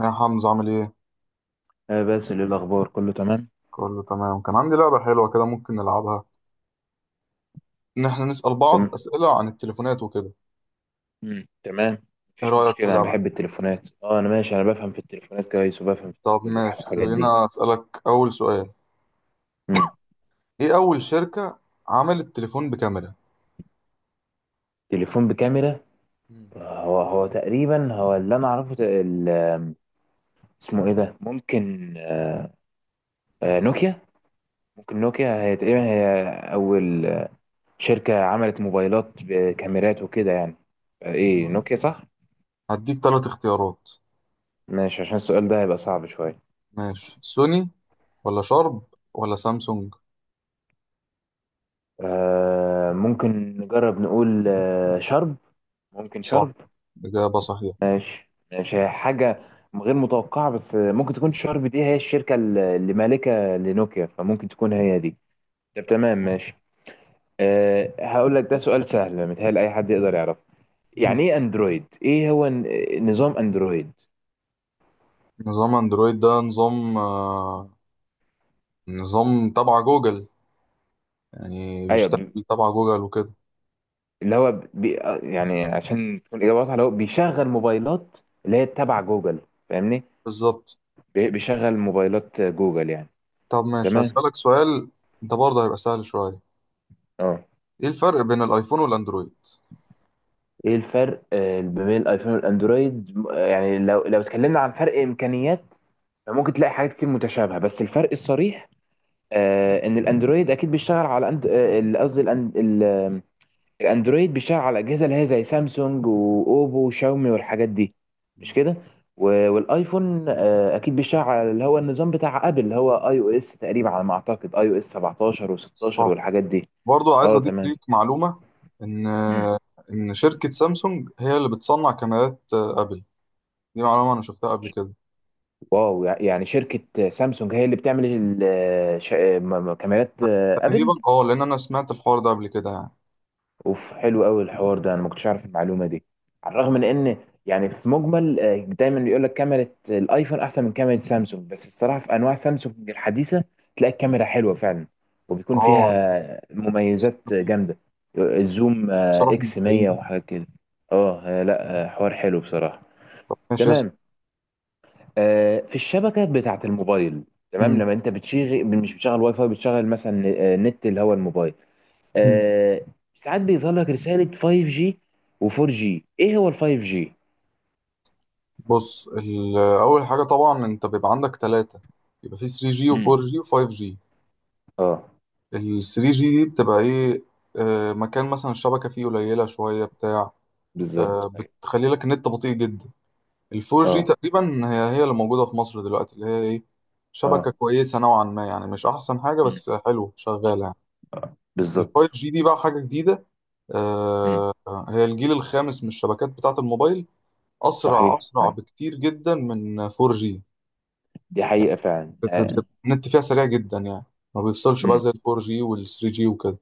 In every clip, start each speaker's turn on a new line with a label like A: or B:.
A: يا حمزة عامل ايه؟
B: آه باسل ايه الاخبار كله تمام
A: كله تمام. كان عندي لعبة حلوة كده، ممكن نلعبها ان احنا نسأل بعض
B: تمام
A: اسئلة عن التليفونات وكده.
B: مم. تمام.
A: ايه
B: مفيش
A: رأيك في
B: مشكله انا
A: اللعبة؟
B: بحب التليفونات انا ماشي، انا بفهم في التليفونات كويس وبفهم في
A: طب ماشي،
B: الحاجات دي.
A: خلينا اسألك اول سؤال.
B: مم.
A: ايه اول شركة عملت تليفون بكاميرا؟
B: تليفون بكاميرا.
A: مم.
B: هو تقريبا هو اللي انا اعرفه اسمه ايه ده. ممكن آه نوكيا. ممكن نوكيا، هي تقريبا هي اول شركه عملت موبايلات بكاميرات وكده يعني. ايه، نوكيا صح.
A: هديك ثلاث اختيارات:
B: ماشي، عشان السؤال ده هيبقى صعب شويه.
A: ماشي، سوني ولا شارب ولا سامسونج؟
B: ممكن نجرب نقول شرب. ممكن
A: صح،
B: شرب.
A: إجابة صحيحة.
B: ماشي ماشي، هي حاجة غير متوقعة بس ممكن تكون شارب دي هي الشركة اللي مالكة لنوكيا فممكن تكون هي دي. طب تمام ماشي. هقول لك ده سؤال سهل، متهيألي أي حد يقدر يعرفه.
A: مم.
B: يعني إيه أندرويد؟ إيه هو نظام أندرويد؟
A: نظام اندرويد ده نظام تبع جوجل، يعني
B: أيوه.
A: بيشتغل تبع جوجل وكده.
B: اللي هو بي آه، يعني عشان تكون إجابة واضحة، اللي هو بيشغل موبايلات اللي هي تبع جوجل. فاهمني؟
A: بالظبط.
B: بيشغل موبايلات جوجل يعني.
A: طب ماشي،
B: تمام؟
A: هسألك سؤال. ده برضه هيبقى سهل شوية.
B: أه.
A: ايه الفرق بين الايفون والاندرويد؟
B: ايه الفرق ما بين الايفون والاندرويد يعني لو اتكلمنا عن فرق امكانيات فممكن تلاقي حاجات كتير متشابهه بس الفرق الصريح ان الاندرويد اكيد بيشتغل على قصدي الاندرويد بيشتغل على الاجهزه اللي هي زي سامسونج واوبو وشاومي والحاجات دي، مش
A: مم.
B: كده. والايفون اكيد بيشتغل على اللي هو النظام بتاع ابل، اللي هو اي او اس تقريبا على ما اعتقد، اي او اس 17 و16
A: صح.
B: والحاجات دي.
A: برضه عايز
B: اه
A: اضيف
B: تمام.
A: ليك معلومة ان ان شركة سامسونج هي اللي بتصنع كاميرات ابل. دي معلومة انا شفتها قبل كده
B: واو، يعني شركة سامسونج هي اللي بتعمل كاميرات
A: تقريبا.
B: أبل.
A: اه، لان انا سمعت الحوار ده قبل كده يعني.
B: أوف حلو قوي الحوار ده، أنا ما كنتش أعرف المعلومة دي على الرغم من إن يعني في مجمل دايما بيقول لك كاميرا الأيفون أحسن من كاميرا سامسونج بس الصراحة في أنواع سامسونج الحديثة تلاقي الكاميرا حلوة فعلا، وبيكون
A: اه،
B: فيها مميزات جامدة. الزوم
A: بصراحة
B: إكس
A: مبدعين.
B: 100 وحاجات كده. أه لا حوار حلو بصراحة.
A: طب ماشي، اسأل.
B: تمام. في الشبكه بتاعه الموبايل تمام.
A: مم.
B: لما انت بتشغل، مش بتشغل واي فاي، بتشغل مثلا نت اللي هو الموبايل.
A: مم.
B: آه، ساعات بيظهر لك رساله 5G و4G. ايه هو ال 5G؟
A: بص، اول حاجة طبعا انت بيبقى عندك ثلاثة، يبقى في 3G
B: امم.
A: و4G و5G.
B: اه
A: ال 3G دي بتبقى ايه؟ مكان مثلا الشبكة فيه قليلة شوية بتاع،
B: بالظبط ايوه.
A: بتخلي لك النت بطيء جدا. ال 4G
B: اه
A: تقريبا هي هي اللي موجودة في مصر دلوقتي، اللي هي ايه، شبكة
B: اه.
A: كويسة نوعا ما يعني. مش أحسن حاجة
B: امم.
A: بس حلوة شغالة يعني. ال
B: بالظبط.
A: 5G دي بقى حاجة جديدة
B: امم.
A: آه، هي الجيل الخامس من الشبكات بتاعة الموبايل. أسرع
B: صحيح
A: أسرع
B: أيوة.
A: بكتير جدا من 4G.
B: دي
A: يعني
B: حقيقه فعلا
A: النت فيها سريع جدا يعني. ما بيفصلش بقى
B: مم.
A: زي ال 4G وال 3G وكده.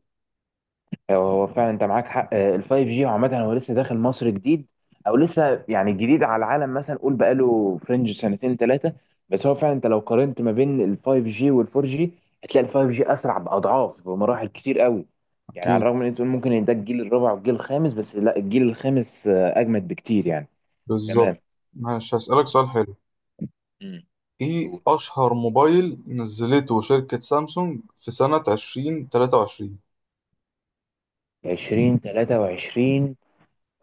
B: هو فعلا انت معاك حق ال 5G عامة هو لسه داخل مصر جديد، او لسه يعني جديد على العالم، مثلا قول بقاله فرنج سنتين ثلاثة. بس هو فعلا انت لو قارنت ما بين ال 5G وال 4G هتلاقي ال 5G اسرع باضعاف، بمراحل كتير قوي. يعني على
A: أكيد.
B: الرغم من ان انت تقول ممكن ان ده الجيل الرابع والجيل الخامس بس لا، الجيل الخامس اجمد بكتير يعني. تمام.
A: بالظبط. ماشي، هسألك سؤال حلو.
B: امم.
A: ايه
B: قول.
A: اشهر موبايل نزلته شركة سامسونج في سنة 2023؟
B: 2023.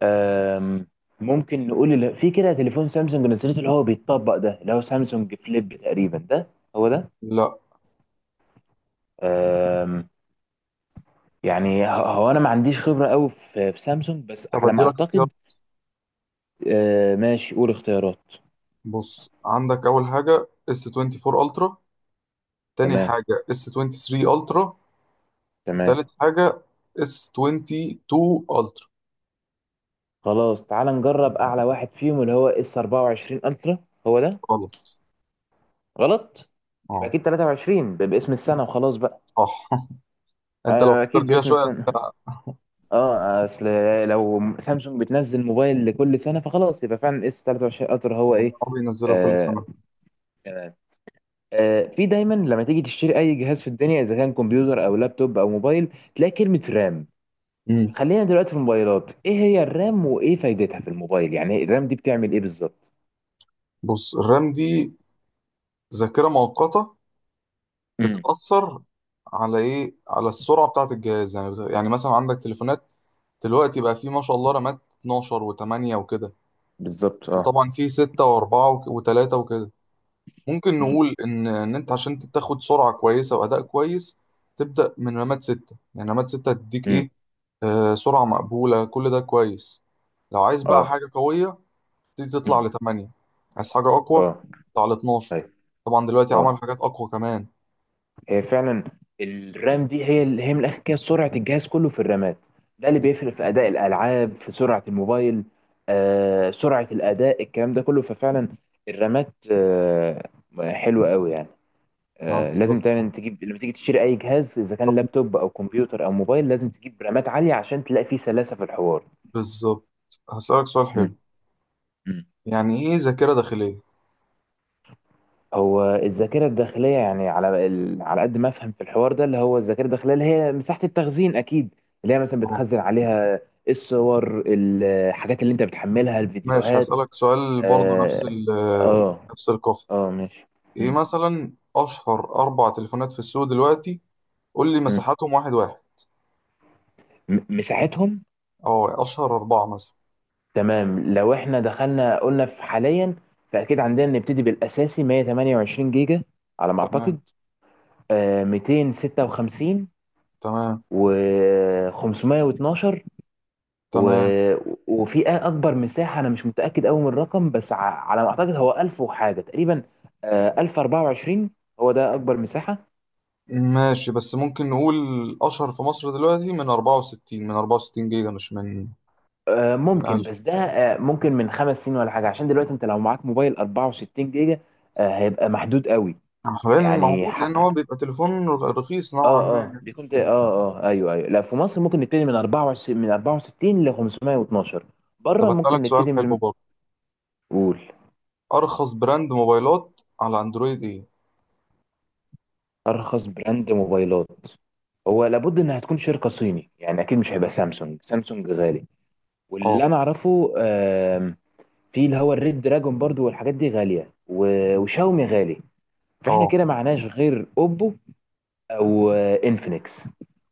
B: آم، ممكن نقول اللي في كده تليفون سامسونج نزلته اللي هو بيتطبق ده، اللي هو سامسونج فليب تقريبا، ده هو ده.
A: لا.
B: آم، يعني هو انا ما عنديش خبرة قوي في سامسونج بس
A: طب
B: على
A: ادي
B: ما
A: لك اختيار.
B: اعتقد. ماشي، قول اختيارات.
A: بص، عندك اول حاجة S24 Ultra، تاني
B: تمام.
A: حاجة S23 Ultra، تالت
B: تمام.
A: حاجة S22 Ultra.
B: خلاص تعال نجرب اعلى واحد فيهم، اللي هو اس 24 الترا. هو ده.
A: غلط.
B: غلط. يبقى
A: اه.
B: اكيد 23، باسم السنة وخلاص بقى.
A: صح. انت لو
B: اكيد
A: فكرت فيها
B: باسم
A: شوية.
B: السنة. اه، اصل لو سامسونج بتنزل موبايل لكل سنه فخلاص، يبقى فعلا اس 23 الترا هو ايه.
A: هم بينزلوا كل
B: آه
A: سنة.
B: في دايما لما تيجي تشتري اي جهاز في الدنيا، اذا كان كمبيوتر او لابتوب او موبايل، تلاقي كلمه رام.
A: امم.
B: خلينا دلوقتي في الموبايلات، ايه هي الرام وايه فايدتها في الموبايل؟ يعني الرام دي بتعمل ايه بالظبط؟
A: بص، الرام دي ذاكرة مؤقتة.
B: امم.
A: بتأثر على ايه، على السرعة بتاعة الجهاز. يعني يعني مثلا عندك تليفونات دلوقتي بقى، فيه ما شاء الله رامات 12 و8 وكده.
B: بالظبط اه.
A: وطبعا فيه 6 و4 و3 وكده. ممكن
B: امم
A: نقول ان ان انت عشان تاخد سرعة كويسة وأداء كويس، تبدأ من رامات 6. يعني رامات 6 تديك
B: امم.
A: ايه، سرعة مقبولة، كل ده كويس. لو عايز بقى
B: اه.
A: حاجة قوية، تبتدي تطلع
B: امم.
A: ل 8. عايز حاجة أقوى،
B: اه.
A: تطلع ل 12.
B: طيب.
A: طبعا دلوقتي عملوا
B: اه.
A: حاجات أقوى كمان.
B: هي فعلا الرام دي هي من الاخر كده سرعه الجهاز كله في الرامات. ده اللي بيفرق في اداء الالعاب، في سرعه الموبايل، سرعه الاداء، الكلام ده كله. ففعلا الرامات حلوه قوي يعني.
A: اه،
B: لازم
A: بالظبط
B: دايما تجيب، لما تيجي تشتري اي جهاز اذا كان لابتوب او كمبيوتر او موبايل، لازم تجيب رامات عاليه عشان تلاقي فيه سلاسه في الحوار.
A: بالظبط. هسألك سؤال
B: م-
A: حلو.
B: م.
A: يعني إيه ذاكرة داخلية؟
B: هو الذاكرة الداخلية يعني على قد ما أفهم في الحوار ده، اللي هو الذاكرة الداخلية اللي هي مساحة التخزين أكيد، اللي هي مثلا
A: أه،
B: بتخزن عليها الصور، الحاجات اللي أنت بتحملها،
A: ماشي،
B: الفيديوهات.
A: هسألك سؤال برضو نفس
B: آه.
A: ال آه،
B: آه,
A: نفس القافية.
B: ماشي.
A: إيه
B: مم.
A: مثلا أشهر أربع تليفونات في السوق دلوقتي؟ قول لي
B: مم.
A: مساحاتهم واحد واحد.
B: مساحتهم.
A: أه، أشهر أربعة مثلا.
B: تمام، لو إحنا دخلنا قلنا في حاليا فأكيد عندنا نبتدي بالأساسي 128 جيجا على ما
A: تمام.
B: أعتقد. 256،
A: تمام.
B: و 512، و...
A: تمام.
B: وفي اكبر مساحه انا مش متاكد قوي من الرقم بس على ما اعتقد هو 1000 وحاجه تقريبا. 1024 هو ده اكبر مساحه.
A: ماشي، بس ممكن نقول أشهر في مصر دلوقتي من 64، من 64 جيجا، مش من، من
B: ممكن،
A: 1000
B: بس ده ممكن من خمس سنين ولا حاجه، عشان دلوقتي انت لو معاك موبايل 64 جيجا هيبقى محدود قوي.
A: حاليا
B: يعني
A: موجود، لأن هو
B: حق.
A: بيبقى تليفون رخيص نوعا
B: اه اه
A: ما.
B: دي كنت. اه اه ايوه ايوه. لا في مصر ممكن نبتدي من 24، من 64 ل 512.
A: طب
B: بره
A: هسألك
B: ممكن
A: سؤال
B: نبتدي
A: حلو
B: من.
A: برضه.
B: قول.
A: ارخص براند موبايلات على اندرويد ايه؟
B: ارخص براند موبايلات. هو
A: مم.
B: لابد انها تكون شركه صيني، يعني اكيد مش هيبقى سامسونج، سامسونج غالي.
A: اه
B: واللي انا اعرفه في اللي هو الريد دراجون برضو، والحاجات دي غاليه، وشاومي غالي، فاحنا
A: اه،
B: كده معناش غير اوبو او انفينكس.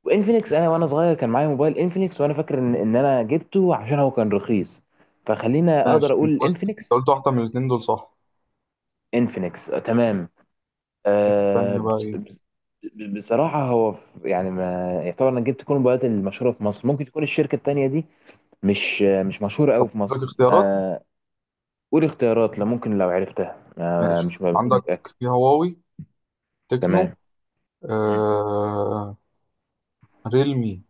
B: وانفينكس، انا وانا صغير كان معايا موبايل انفينكس وانا فاكر ان انا جبته عشان هو كان رخيص. فخلينا اقدر
A: ماشي. انت
B: اقول
A: قلت انت
B: انفينكس.
A: قلت واحده من الاثنين دول صح؟
B: انفينكس تمام. آه،
A: الثانيه بقى
B: بص-
A: ايه؟
B: بص- بصراحة هو يعني ما يعتبر انك جبت كل الموبايلات المشهورة في مصر، ممكن تكون الشركة التانية دي مش مشهورة قوي في
A: عندك
B: مصر
A: اختيارات.
B: ما. قول اختيارات لو ممكن، لو عرفتها،
A: مم.
B: ما
A: ماشي،
B: مش بكون
A: عندك
B: متأكد.
A: في هواوي، تكنو،
B: تمام. مم.
A: آه... ريلمي.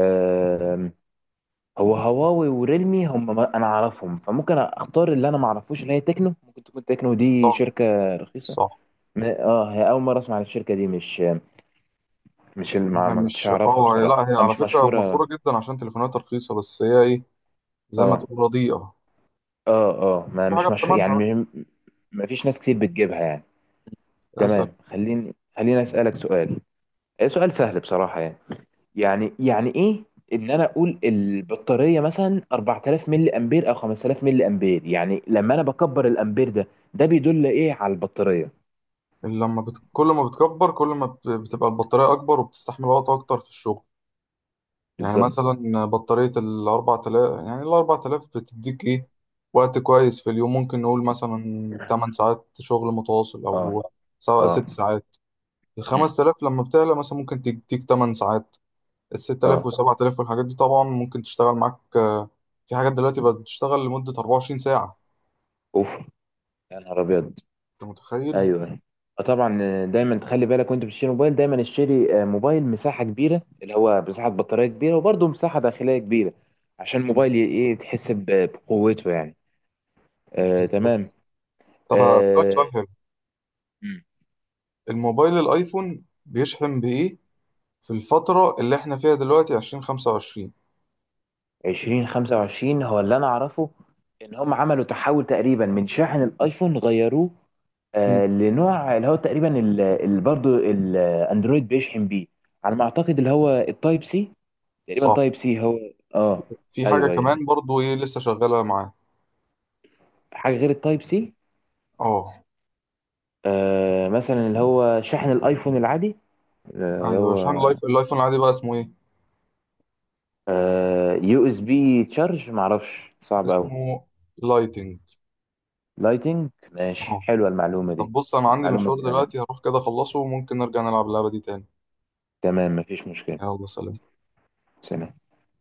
B: آم، هو هواوي وريلمي هم انا اعرفهم، فممكن اختار اللي انا ما اعرفوش اللي هي تكنو. ممكن تكون تكنو دي
A: صح.
B: شركة رخيصة.
A: صح.
B: اه هي اول مرة اسمع عن الشركة دي. مش ما
A: هي
B: ما كنتش
A: مش
B: اعرفها
A: لا،
B: بصراحة،
A: هي على
B: مش
A: فكره مشهوره
B: مشهورة.
A: جدا عشان تليفوناتها رخيصه، بس هي ايه، زي ما
B: اه
A: تقول رديئه.
B: اه اه، ما
A: في حاجه
B: مش مشهور
A: بتمنها.
B: يعني ما فيش ناس كتير بتجيبها يعني.
A: بقى اسال.
B: تمام، خليني اسالك سؤال. إيه سؤال سهل بصراحه يعني. يعني ايه ان انا اقول البطاريه مثلا 4000 ملي امبير او 5000 ملي امبير؟ يعني لما انا بكبر الامبير ده، ده بيدل ايه على البطاريه.
A: كل ما بتكبر، كل ما بت... بتبقى البطاريه اكبر وبتستحمل وقت اكتر في الشغل. يعني
B: بالظبط
A: مثلا بطارية 4000، يعني 4000 بتديك إيه، وقت كويس في اليوم. ممكن نقول مثلا 8 ساعات شغل متواصل
B: اه.
A: أو سواء
B: اه.
A: 6 ساعات.
B: مم.
A: 5000 لما بتعلى مثلا ممكن تديك 8 ساعات. 6000
B: اه
A: وسبعة تلاف والحاجات دي طبعا ممكن تشتغل معاك. في حاجات دلوقتي بقت بتشتغل لمدة 24 ساعة.
B: اوف. يا نهار ابيض.
A: أنت متخيل؟
B: ايوه طبعا. دايما تخلي بالك وانت بتشتري موبايل، دايما اشتري موبايل مساحه كبيره، اللي هو مساحه بطاريه كبيره، وبرده مساحه داخليه كبيره عشان
A: مم.
B: الموبايل ايه، تحس بقوته يعني. آه تمام.
A: بالظبط. طب هسألك سؤال
B: آه.
A: حلو.
B: مم.
A: الموبايل الأيفون بيشحن بإيه في الفترة اللي إحنا فيها دلوقتي 2025؟
B: 2025 هو اللي انا اعرفه، ان هم عملوا تحول تقريبا من شاحن الايفون، غيروه
A: مم.
B: لنوع اللي هو تقريبا اللي برضه الاندرويد بيشحن بيه، على ما اعتقد اللي هو التايب سي. تقريبا
A: صح.
B: تايب سي هو. اه
A: في حاجة
B: ايوه ايوه،
A: كمان برضو ايه لسه شغالة معاه؟
B: حاجة غير التايب سي.
A: اه،
B: مثلا اللي هو شاحن الايفون العادي، اللي
A: ايوه. عشان
B: هو
A: اللايف الايفون العادي بقى اسمه ايه؟
B: يو اس بي تشارج، معرفش، صعب قوي.
A: اسمه لايتنج.
B: لايتنج، ماشي
A: اه.
B: حلوة المعلومة
A: طب
B: دي.
A: بص، انا
B: دي
A: عندي
B: معلومة
A: مشوار
B: دي أنا.
A: دلوقتي هروح كده اخلصه، وممكن نرجع نلعب اللعبة دي تاني.
B: تمام مفيش مشكلة.
A: يلا، سلام.
B: سلام